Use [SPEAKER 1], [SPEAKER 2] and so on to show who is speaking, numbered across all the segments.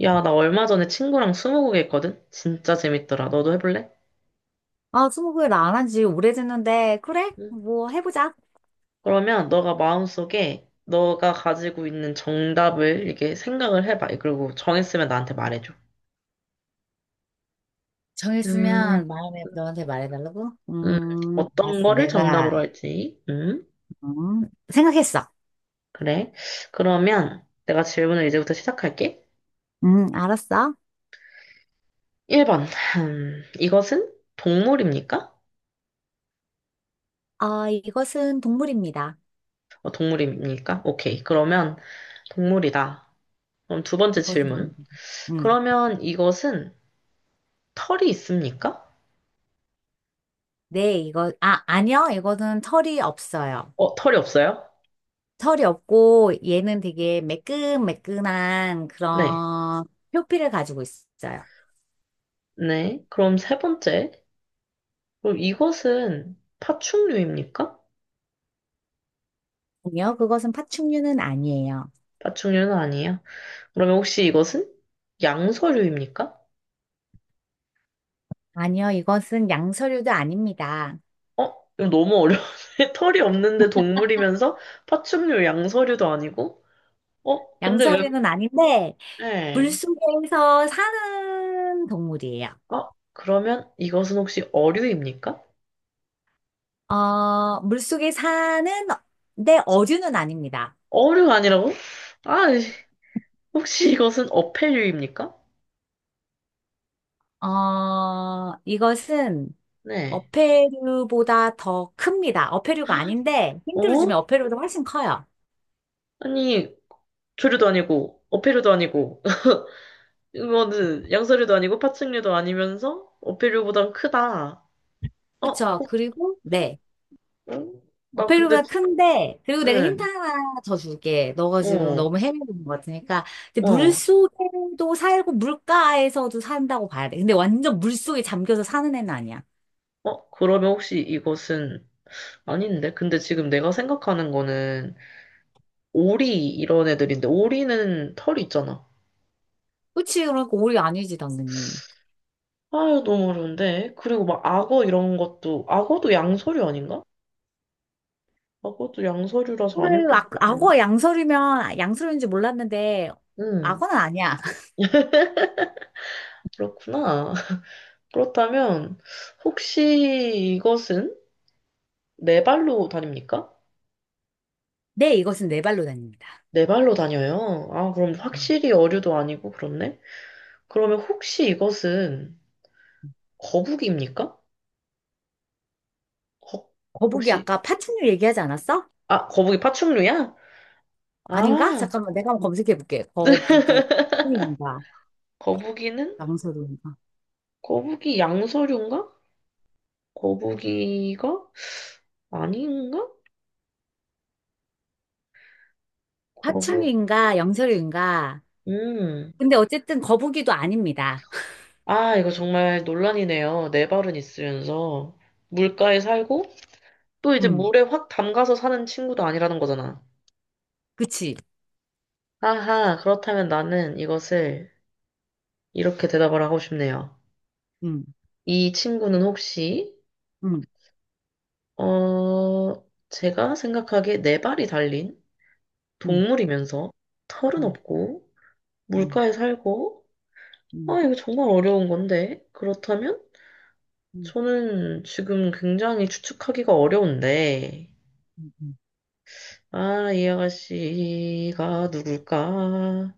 [SPEAKER 1] 야, 나 얼마 전에 친구랑 스무고개 했거든? 진짜 재밌더라. 너도 해볼래?
[SPEAKER 2] 아, 스무고개를 안한 지 오래됐는데, 그래?
[SPEAKER 1] 응.
[SPEAKER 2] 뭐, 해보자.
[SPEAKER 1] 그러면 너가 마음속에 너가 가지고 있는 정답을 이렇게 생각을 해봐. 그리고 정했으면 나한테 말해줘. 음,
[SPEAKER 2] 정했으면 마음에 너한테 말해달라고?
[SPEAKER 1] 음, 어떤
[SPEAKER 2] 알았어,
[SPEAKER 1] 거를
[SPEAKER 2] 내가.
[SPEAKER 1] 정답으로 할지.
[SPEAKER 2] 생각했어.
[SPEAKER 1] 그래. 그러면 내가 질문을 이제부터 시작할게.
[SPEAKER 2] 알았어.
[SPEAKER 1] 1번. 이것은 동물입니까?
[SPEAKER 2] 아, 이것은 동물입니다.
[SPEAKER 1] 동물입니까? 오케이. 그러면 동물이다. 그럼 두 번째
[SPEAKER 2] 이것은 동물.
[SPEAKER 1] 질문.
[SPEAKER 2] 음,
[SPEAKER 1] 그러면 이것은 털이 있습니까?
[SPEAKER 2] 네, 이거, 아, 아니요. 이거는 털이 없어요.
[SPEAKER 1] 털이 없어요?
[SPEAKER 2] 털이 없고, 얘는 되게 매끈매끈한
[SPEAKER 1] 네. 아,
[SPEAKER 2] 그런 표피를 가지고 있어요.
[SPEAKER 1] 네. 그럼 세 번째. 그럼 이것은 파충류입니까?
[SPEAKER 2] 아니요, 그것은 파충류는 아니에요.
[SPEAKER 1] 파충류는 아니에요. 그러면 혹시 이것은 양서류입니까?
[SPEAKER 2] 아니요, 이것은 양서류도 아닙니다.
[SPEAKER 1] 어? 이거 너무 어려운데? 털이 없는데 동물이면서 파충류, 양서류도 아니고? 어? 근데 왜,
[SPEAKER 2] 양서류는 아닌데
[SPEAKER 1] 네.
[SPEAKER 2] 물속에서 사는 동물이에요.
[SPEAKER 1] 어? 그러면 이것은 혹시 어류입니까?
[SPEAKER 2] 어, 물속에 사는 내 어류는 아닙니다.
[SPEAKER 1] 어류가 아니라고? 아, 혹시 이것은 어패류입니까?
[SPEAKER 2] 어, 이것은
[SPEAKER 1] 네.
[SPEAKER 2] 어패류보다 더 큽니다. 어패류가 아닌데 힌트를
[SPEAKER 1] 어?
[SPEAKER 2] 주면 어패류보다 훨씬 커요.
[SPEAKER 1] 아니, 조류도 아니고, 어패류도 아니고, 이거는 양서류도 아니고 파충류도 아니면서 어패류보단 크다. 어?
[SPEAKER 2] 그쵸? 그리고 네.
[SPEAKER 1] 어? 나 근데
[SPEAKER 2] 어패류보다
[SPEAKER 1] 지-
[SPEAKER 2] 큰데, 그리고 내가 힌트
[SPEAKER 1] 응.
[SPEAKER 2] 하나 더 줄게. 너가 지금
[SPEAKER 1] 어.
[SPEAKER 2] 너무 헤매는 것 같으니까. 근데
[SPEAKER 1] 어.
[SPEAKER 2] 물속에도 살고 물가에서도 산다고 봐야 돼. 근데 완전 물속에 잠겨서 사는 애는 아니야.
[SPEAKER 1] 어? 그러면 혹시 이것은 아닌데? 근데 지금 내가 생각하는 거는 오리 이런 애들인데 오리는 털이 있잖아.
[SPEAKER 2] 그치? 그러니까 오리 아니지, 당연히.
[SPEAKER 1] 아유 너무 어려운데. 그리고 막 악어 이런 것도 악어도 양서류 아닌가? 악어도 양서류라서 아닐
[SPEAKER 2] 그래,
[SPEAKER 1] 것 같은데.
[SPEAKER 2] 악어 양서류면 양서류인지 몰랐는데,
[SPEAKER 1] 응.
[SPEAKER 2] 악어는 아니야.
[SPEAKER 1] 그렇구나. 그렇다면 혹시 이것은 네 발로 다닙니까?
[SPEAKER 2] 네, 이것은 네 발로 다닙니다.
[SPEAKER 1] 네 발로 다녀요? 아, 그럼
[SPEAKER 2] 음.
[SPEAKER 1] 확실히 어류도 아니고 그렇네? 그러면 혹시 이것은 거북이입니까? 거,
[SPEAKER 2] 거북이
[SPEAKER 1] 혹시,
[SPEAKER 2] 아까 파충류 얘기하지 않았어?
[SPEAKER 1] 아, 거북이 파충류야?
[SPEAKER 2] 아닌가?
[SPEAKER 1] 아,
[SPEAKER 2] 잠깐만, 내가 한번 검색해 볼게. 거북이 파충류인가?
[SPEAKER 1] 거북이는?
[SPEAKER 2] 양서류인가?
[SPEAKER 1] 거북이 양서류인가? 거북이가? 아닌가? 거북,
[SPEAKER 2] 파충류인가? 양서류인가?
[SPEAKER 1] 음.
[SPEAKER 2] 근데 어쨌든 거북이도 아닙니다.
[SPEAKER 1] 아, 이거 정말 논란이네요. 네 발은 있으면서. 물가에 살고, 또 이제
[SPEAKER 2] 음,
[SPEAKER 1] 물에 확 담가서 사는 친구도 아니라는 거잖아.
[SPEAKER 2] 그치?
[SPEAKER 1] 아하, 그렇다면 나는 이것을 이렇게 대답을 하고 싶네요.
[SPEAKER 2] 음,
[SPEAKER 1] 이 친구는 혹시,
[SPEAKER 2] 음,
[SPEAKER 1] 어, 제가 생각하기에 네 발이 달린
[SPEAKER 2] 음,
[SPEAKER 1] 동물이면서 털은
[SPEAKER 2] 음,
[SPEAKER 1] 없고
[SPEAKER 2] 음,
[SPEAKER 1] 물가에 살고,
[SPEAKER 2] 음,
[SPEAKER 1] 아, 이거 정말 어려운 건데. 그렇다면
[SPEAKER 2] 음,
[SPEAKER 1] 저는 지금 굉장히 추측하기가 어려운데,
[SPEAKER 2] 음, 음.
[SPEAKER 1] 아, 이 아가씨가 누굴까?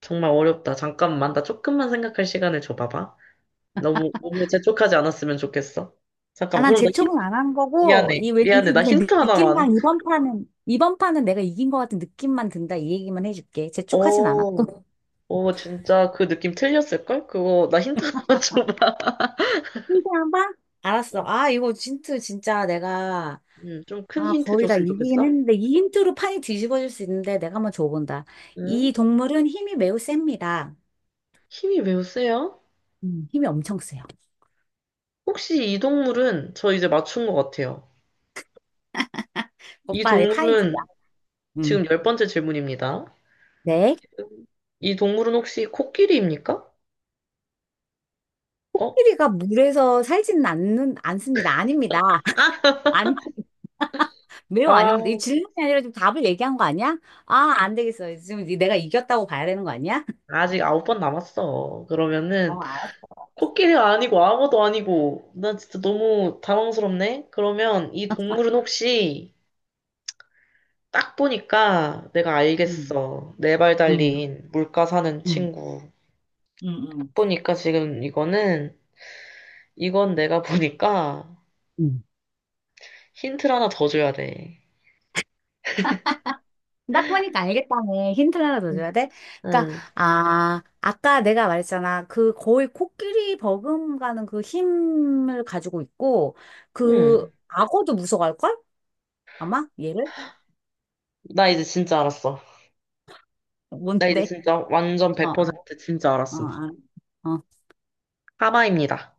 [SPEAKER 1] 정말 어렵다. 잠깐만, 나 조금만 생각할 시간을 줘봐봐. 너무, 너무 재촉하지 않았으면 좋겠어.
[SPEAKER 2] 아,
[SPEAKER 1] 잠깐만,
[SPEAKER 2] 난
[SPEAKER 1] 그럼 나
[SPEAKER 2] 재촉은
[SPEAKER 1] 힌트,
[SPEAKER 2] 안 한 거고,
[SPEAKER 1] 미안해.
[SPEAKER 2] 이 왠지
[SPEAKER 1] 미안해, 나
[SPEAKER 2] 그냥
[SPEAKER 1] 힌트 하나만.
[SPEAKER 2] 느낌상 이번 판은, 이번 판은 내가 이긴 것 같은 느낌만 든다. 이 얘기만 해줄게. 재촉하진
[SPEAKER 1] 어,
[SPEAKER 2] 않았고.
[SPEAKER 1] 진짜 그 느낌 틀렸을걸? 그거 나 힌트 하나 줘봐.
[SPEAKER 2] 힌트한 번? 알았어. 아, 이거 힌트 진짜 내가,
[SPEAKER 1] 좀 큰
[SPEAKER 2] 아,
[SPEAKER 1] 힌트
[SPEAKER 2] 거의 다
[SPEAKER 1] 줬으면
[SPEAKER 2] 이기긴
[SPEAKER 1] 좋겠어.
[SPEAKER 2] 했는데, 이 힌트로 판이 뒤집어질 수 있는데, 내가 한번 줘본다.
[SPEAKER 1] 음?
[SPEAKER 2] 이 동물은 힘이 매우 셉니다.
[SPEAKER 1] 힘이 매우 세요?
[SPEAKER 2] 음. 힘이 엄청 세요.
[SPEAKER 1] 혹시 이 동물은 저 이제 맞춘 것 같아요. 이
[SPEAKER 2] 오빠, 네, 파이지.
[SPEAKER 1] 동물은
[SPEAKER 2] 음.
[SPEAKER 1] 지금 열 번째 질문입니다.
[SPEAKER 2] 네.
[SPEAKER 1] 음, 이 동물은 혹시 코끼리입니까? 어?
[SPEAKER 2] 코끼리가 물에서 살지는 않는, 않습니다. 아닙니다. 아니, 매우
[SPEAKER 1] 아,
[SPEAKER 2] 아닙니다. 이 질문이 아니라 좀 답을 얘기한 거 아니야? 아, 안 되겠어. 지금 내가 이겼다고 봐야 되는 거 아니야?
[SPEAKER 1] 아직 아홉 번 남았어. 그러면은
[SPEAKER 2] 어, 알았어.
[SPEAKER 1] 코끼리가 아니고 아무도 아니고 나 진짜 너무 당황스럽네. 그러면 이 동물은 혹시 딱 보니까 내가
[SPEAKER 2] 음,
[SPEAKER 1] 알겠어. 네발
[SPEAKER 2] 음,
[SPEAKER 1] 달린 물가 사는
[SPEAKER 2] 음,
[SPEAKER 1] 친구.
[SPEAKER 2] 음,
[SPEAKER 1] 딱
[SPEAKER 2] 음.
[SPEAKER 1] 보니까 지금 이거는, 이건 내가 보니까
[SPEAKER 2] 음.
[SPEAKER 1] 힌트를 하나 더 줘야 돼.
[SPEAKER 2] 딱 보니까 알겠다네. 힌트를 하나 더 줘야 돼? 그러니까,
[SPEAKER 1] 응,
[SPEAKER 2] 아, 아까 내가 말했잖아. 그 거의 코끼리 버금가는 그 힘을 가지고 있고, 그
[SPEAKER 1] 응.
[SPEAKER 2] 악어도 무서워할걸? 아마? 얘를?
[SPEAKER 1] 나 이제 진짜 알았어. 나 이제
[SPEAKER 2] 뭔데?
[SPEAKER 1] 진짜 완전
[SPEAKER 2] 어,
[SPEAKER 1] 100% 진짜
[SPEAKER 2] 어,
[SPEAKER 1] 알았음.
[SPEAKER 2] 어. 어.
[SPEAKER 1] 하마입니다.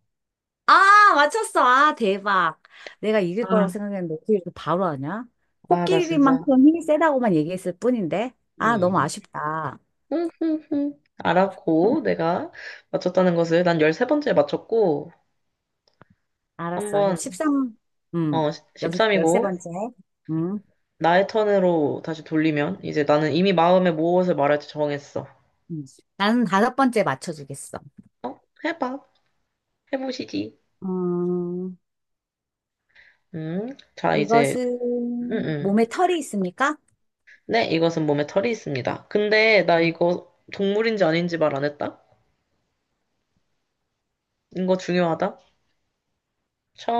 [SPEAKER 2] 아, 맞췄어. 아, 대박. 내가 이길 거라고
[SPEAKER 1] 아,
[SPEAKER 2] 생각했는데 어떻게 이렇게 바로 하냐?
[SPEAKER 1] 아, 나 진짜.
[SPEAKER 2] 코끼리만큼 힘이 세다고만 얘기했을 뿐인데. 아, 너무
[SPEAKER 1] 응.
[SPEAKER 2] 아쉽다.
[SPEAKER 1] 응, 응, 응. 알았고, 내가 맞췄다는 것을 난 13번째에 맞췄고,
[SPEAKER 2] 알았어.
[SPEAKER 1] 한번,
[SPEAKER 2] 13,
[SPEAKER 1] 어,
[SPEAKER 2] 음,
[SPEAKER 1] 13이고,
[SPEAKER 2] 13번째. 음.
[SPEAKER 1] 나의 턴으로 다시 돌리면 이제 나는 이미 마음에 무엇을 말할지 정했어.
[SPEAKER 2] 음. 나는 다섯 번째 맞춰주겠어.
[SPEAKER 1] 어? 해봐. 해보시지.
[SPEAKER 2] 어,
[SPEAKER 1] 자, 이제, 음,
[SPEAKER 2] 이것은
[SPEAKER 1] 음.
[SPEAKER 2] 몸에 털이 있습니까?
[SPEAKER 1] 네, 이것은 몸에 털이 있습니다. 근데 나
[SPEAKER 2] 음.
[SPEAKER 1] 이거 동물인지 아닌지 말 안 했다? 이거 중요하다.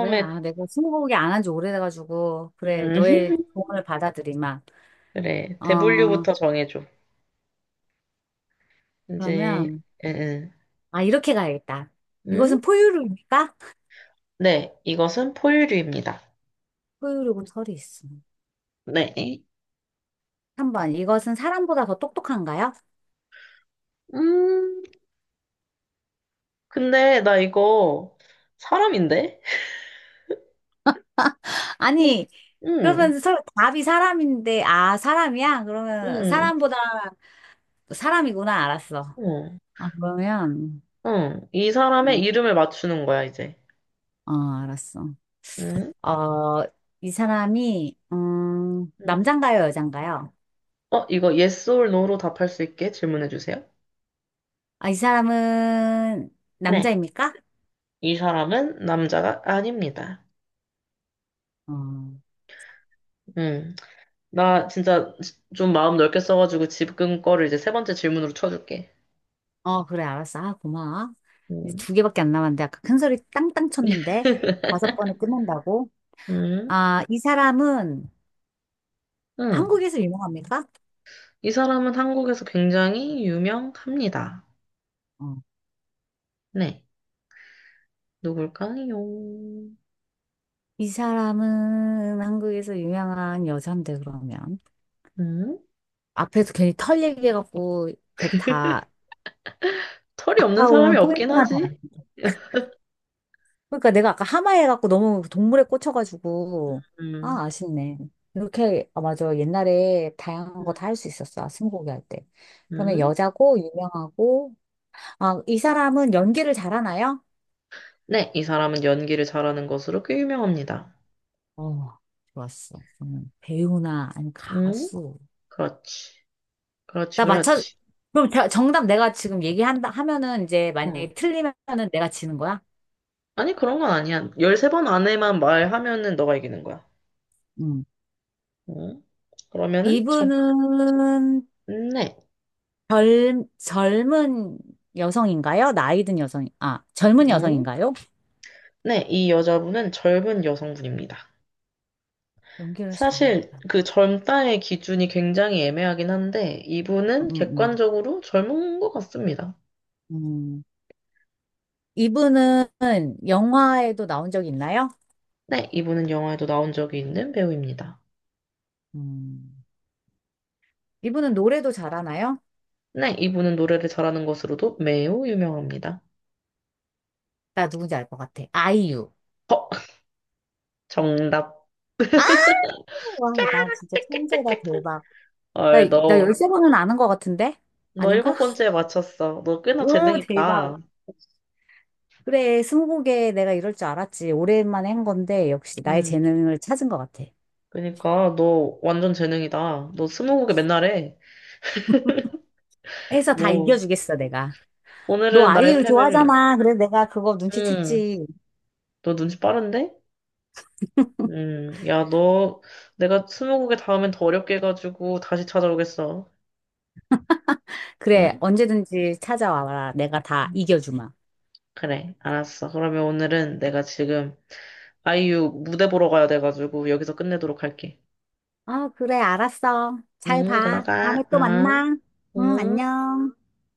[SPEAKER 2] 왜? 아, 내가 스무고개 안 한 지 오래돼가지고. 그래,
[SPEAKER 1] 음,
[SPEAKER 2] 너의 조언을 받아들이마.
[SPEAKER 1] 그래.
[SPEAKER 2] 어,
[SPEAKER 1] 대분류부터 정해줘. 이제,
[SPEAKER 2] 그러면,
[SPEAKER 1] 음,
[SPEAKER 2] 아, 이렇게 가야겠다.
[SPEAKER 1] 음?
[SPEAKER 2] 이것은 포유류입니까?
[SPEAKER 1] 네, 이것은 포유류입니다.
[SPEAKER 2] 포유류고 털이 있어.
[SPEAKER 1] 네.
[SPEAKER 2] 3번, 이것은 사람보다 더 똑똑한가요?
[SPEAKER 1] 음, 근데 나 이거 사람인데?
[SPEAKER 2] 아니,
[SPEAKER 1] 음,
[SPEAKER 2] 그러면 서, 답이 사람인데, 아, 사람이야? 그러면
[SPEAKER 1] 음,
[SPEAKER 2] 사람보다 사람이구나, 알았어.
[SPEAKER 1] 음.
[SPEAKER 2] 아, 그러면.
[SPEAKER 1] 응, 이 사람의 이름을 맞추는 거야, 이제.
[SPEAKER 2] 어, 알았어.
[SPEAKER 1] 응?
[SPEAKER 2] 어, 이 사람이,
[SPEAKER 1] 응.
[SPEAKER 2] 남잔가요, 여잔가요?
[SPEAKER 1] 어, 이거 yes or no로 답할 수 있게 질문해 주세요.
[SPEAKER 2] 아, 이 사람은
[SPEAKER 1] 네.
[SPEAKER 2] 남자입니까?
[SPEAKER 1] 이 사람은 남자가 아닙니다.
[SPEAKER 2] 어,
[SPEAKER 1] 응. 나 진짜 지- 좀 마음 넓게 써가지고 지금 거를 이제 세 번째 질문으로 쳐줄게.
[SPEAKER 2] 어, 그래, 알았어. 아, 고마워. 이제
[SPEAKER 1] 응.
[SPEAKER 2] 두 개밖에 안 남았는데, 아까 큰 소리 땅땅 쳤는데, 다섯 번에 끝낸다고?
[SPEAKER 1] 응.
[SPEAKER 2] 아, 이 사람은
[SPEAKER 1] 응.
[SPEAKER 2] 한국에서 유명합니까?
[SPEAKER 1] 이 사람은 한국에서 굉장히 유명합니다.
[SPEAKER 2] 어,
[SPEAKER 1] 네. 누굴까요?
[SPEAKER 2] 이 사람은 한국에서 유명한 여잔데, 그러면.
[SPEAKER 1] 응?
[SPEAKER 2] 앞에서 괜히 털 얘기해갖고, 다,
[SPEAKER 1] 털이 없는 사람이
[SPEAKER 2] 아까운
[SPEAKER 1] 없긴
[SPEAKER 2] 포인트만 다.
[SPEAKER 1] 하지.
[SPEAKER 2] 그러니까 내가 아까 하마에 갖고 너무 동물에 꽂혀가지고
[SPEAKER 1] 응.
[SPEAKER 2] 아 아쉽네. 이렇게 아 맞아 옛날에 다양한 거
[SPEAKER 1] 응.
[SPEAKER 2] 다 할 수 있었어. 아, 스무고개 할 때. 그러면
[SPEAKER 1] 응.
[SPEAKER 2] 여자고 유명하고 아 이 사람은 연기를 잘하나요?
[SPEAKER 1] 네, 이 사람은 연기를 잘하는 것으로 꽤 유명합니다.
[SPEAKER 2] 어 좋았어. 배우나 아니
[SPEAKER 1] 응?
[SPEAKER 2] 가수.
[SPEAKER 1] 그렇지. 그렇지,
[SPEAKER 2] 나 맞춰.
[SPEAKER 1] 그렇지.
[SPEAKER 2] 그럼 정답 내가 지금 얘기한다 하면은 이제
[SPEAKER 1] 어.
[SPEAKER 2] 만약에 틀리면은 내가 지는 거야?
[SPEAKER 1] 아니, 그런 건 아니야. 13번 안에만 말하면은 너가 이기는 거야.
[SPEAKER 2] 음.
[SPEAKER 1] 응? 그러면은, 정,
[SPEAKER 2] 이분은
[SPEAKER 1] 네.
[SPEAKER 2] 젊은 여성인가요? 나이 든 여성, 아, 젊은
[SPEAKER 1] 응?
[SPEAKER 2] 여성인가요?
[SPEAKER 1] 네, 이 여자분은 젊은 여성분입니다.
[SPEAKER 2] 연기를
[SPEAKER 1] 사실
[SPEAKER 2] 잘한다.
[SPEAKER 1] 그 젊다의 기준이 굉장히 애매하긴 한데, 이분은
[SPEAKER 2] 음, 음,
[SPEAKER 1] 객관적으로 젊은 것 같습니다.
[SPEAKER 2] 음. 음. 이분은 영화에도 나온 적 있나요?
[SPEAKER 1] 네, 이분은 영화에도 나온 적이 있는 배우입니다.
[SPEAKER 2] 음. 이분은 노래도 잘하나요?
[SPEAKER 1] 네, 이분은 노래를 잘하는 것으로도 매우 유명합니다.
[SPEAKER 2] 나 누군지 알 것 같아. 아이유.
[SPEAKER 1] 어, 정답.
[SPEAKER 2] 아, 와, 나 진짜 천재다, 대박. 나,
[SPEAKER 1] 아,
[SPEAKER 2] 나
[SPEAKER 1] 너,
[SPEAKER 2] 13번은 아는 것 같은데?
[SPEAKER 1] 너 일곱
[SPEAKER 2] 아닌가?
[SPEAKER 1] 번째에 맞췄어. 너 꽤나 재능
[SPEAKER 2] 오, 대박.
[SPEAKER 1] 있다.
[SPEAKER 2] 그래, 스무고개 내가 이럴 줄 알았지. 오랜만에 한 건데, 역시 나의
[SPEAKER 1] 음.
[SPEAKER 2] 재능을 찾은 것 같아.
[SPEAKER 1] 그니까, 너 완전 재능이다. 너 스무고개 맨날 해.
[SPEAKER 2] 해서 다
[SPEAKER 1] 오,
[SPEAKER 2] 이겨주겠어, 내가. 너
[SPEAKER 1] 오늘은 나의
[SPEAKER 2] 아이유
[SPEAKER 1] 패배를.
[SPEAKER 2] 좋아하잖아. 그래서 내가 그거
[SPEAKER 1] 음,
[SPEAKER 2] 눈치챘지.
[SPEAKER 1] 너 눈치 빠른데? 야, 너, 내가 스무고개 다음엔 더 어렵게 해가지고 다시 찾아오겠어.
[SPEAKER 2] 그래,
[SPEAKER 1] 응?
[SPEAKER 2] 언제든지 찾아와라. 내가 다 이겨주마.
[SPEAKER 1] 그래, 알았어. 그러면 오늘은 내가 지금 아이유 무대 보러 가야 돼가지고 여기서 끝내도록 할게.
[SPEAKER 2] 아, 그래, 알았어. 잘
[SPEAKER 1] 응,
[SPEAKER 2] 봐. 다음에
[SPEAKER 1] 들어가.
[SPEAKER 2] 또
[SPEAKER 1] 응.
[SPEAKER 2] 만나. 응,
[SPEAKER 1] 응.
[SPEAKER 2] 안녕.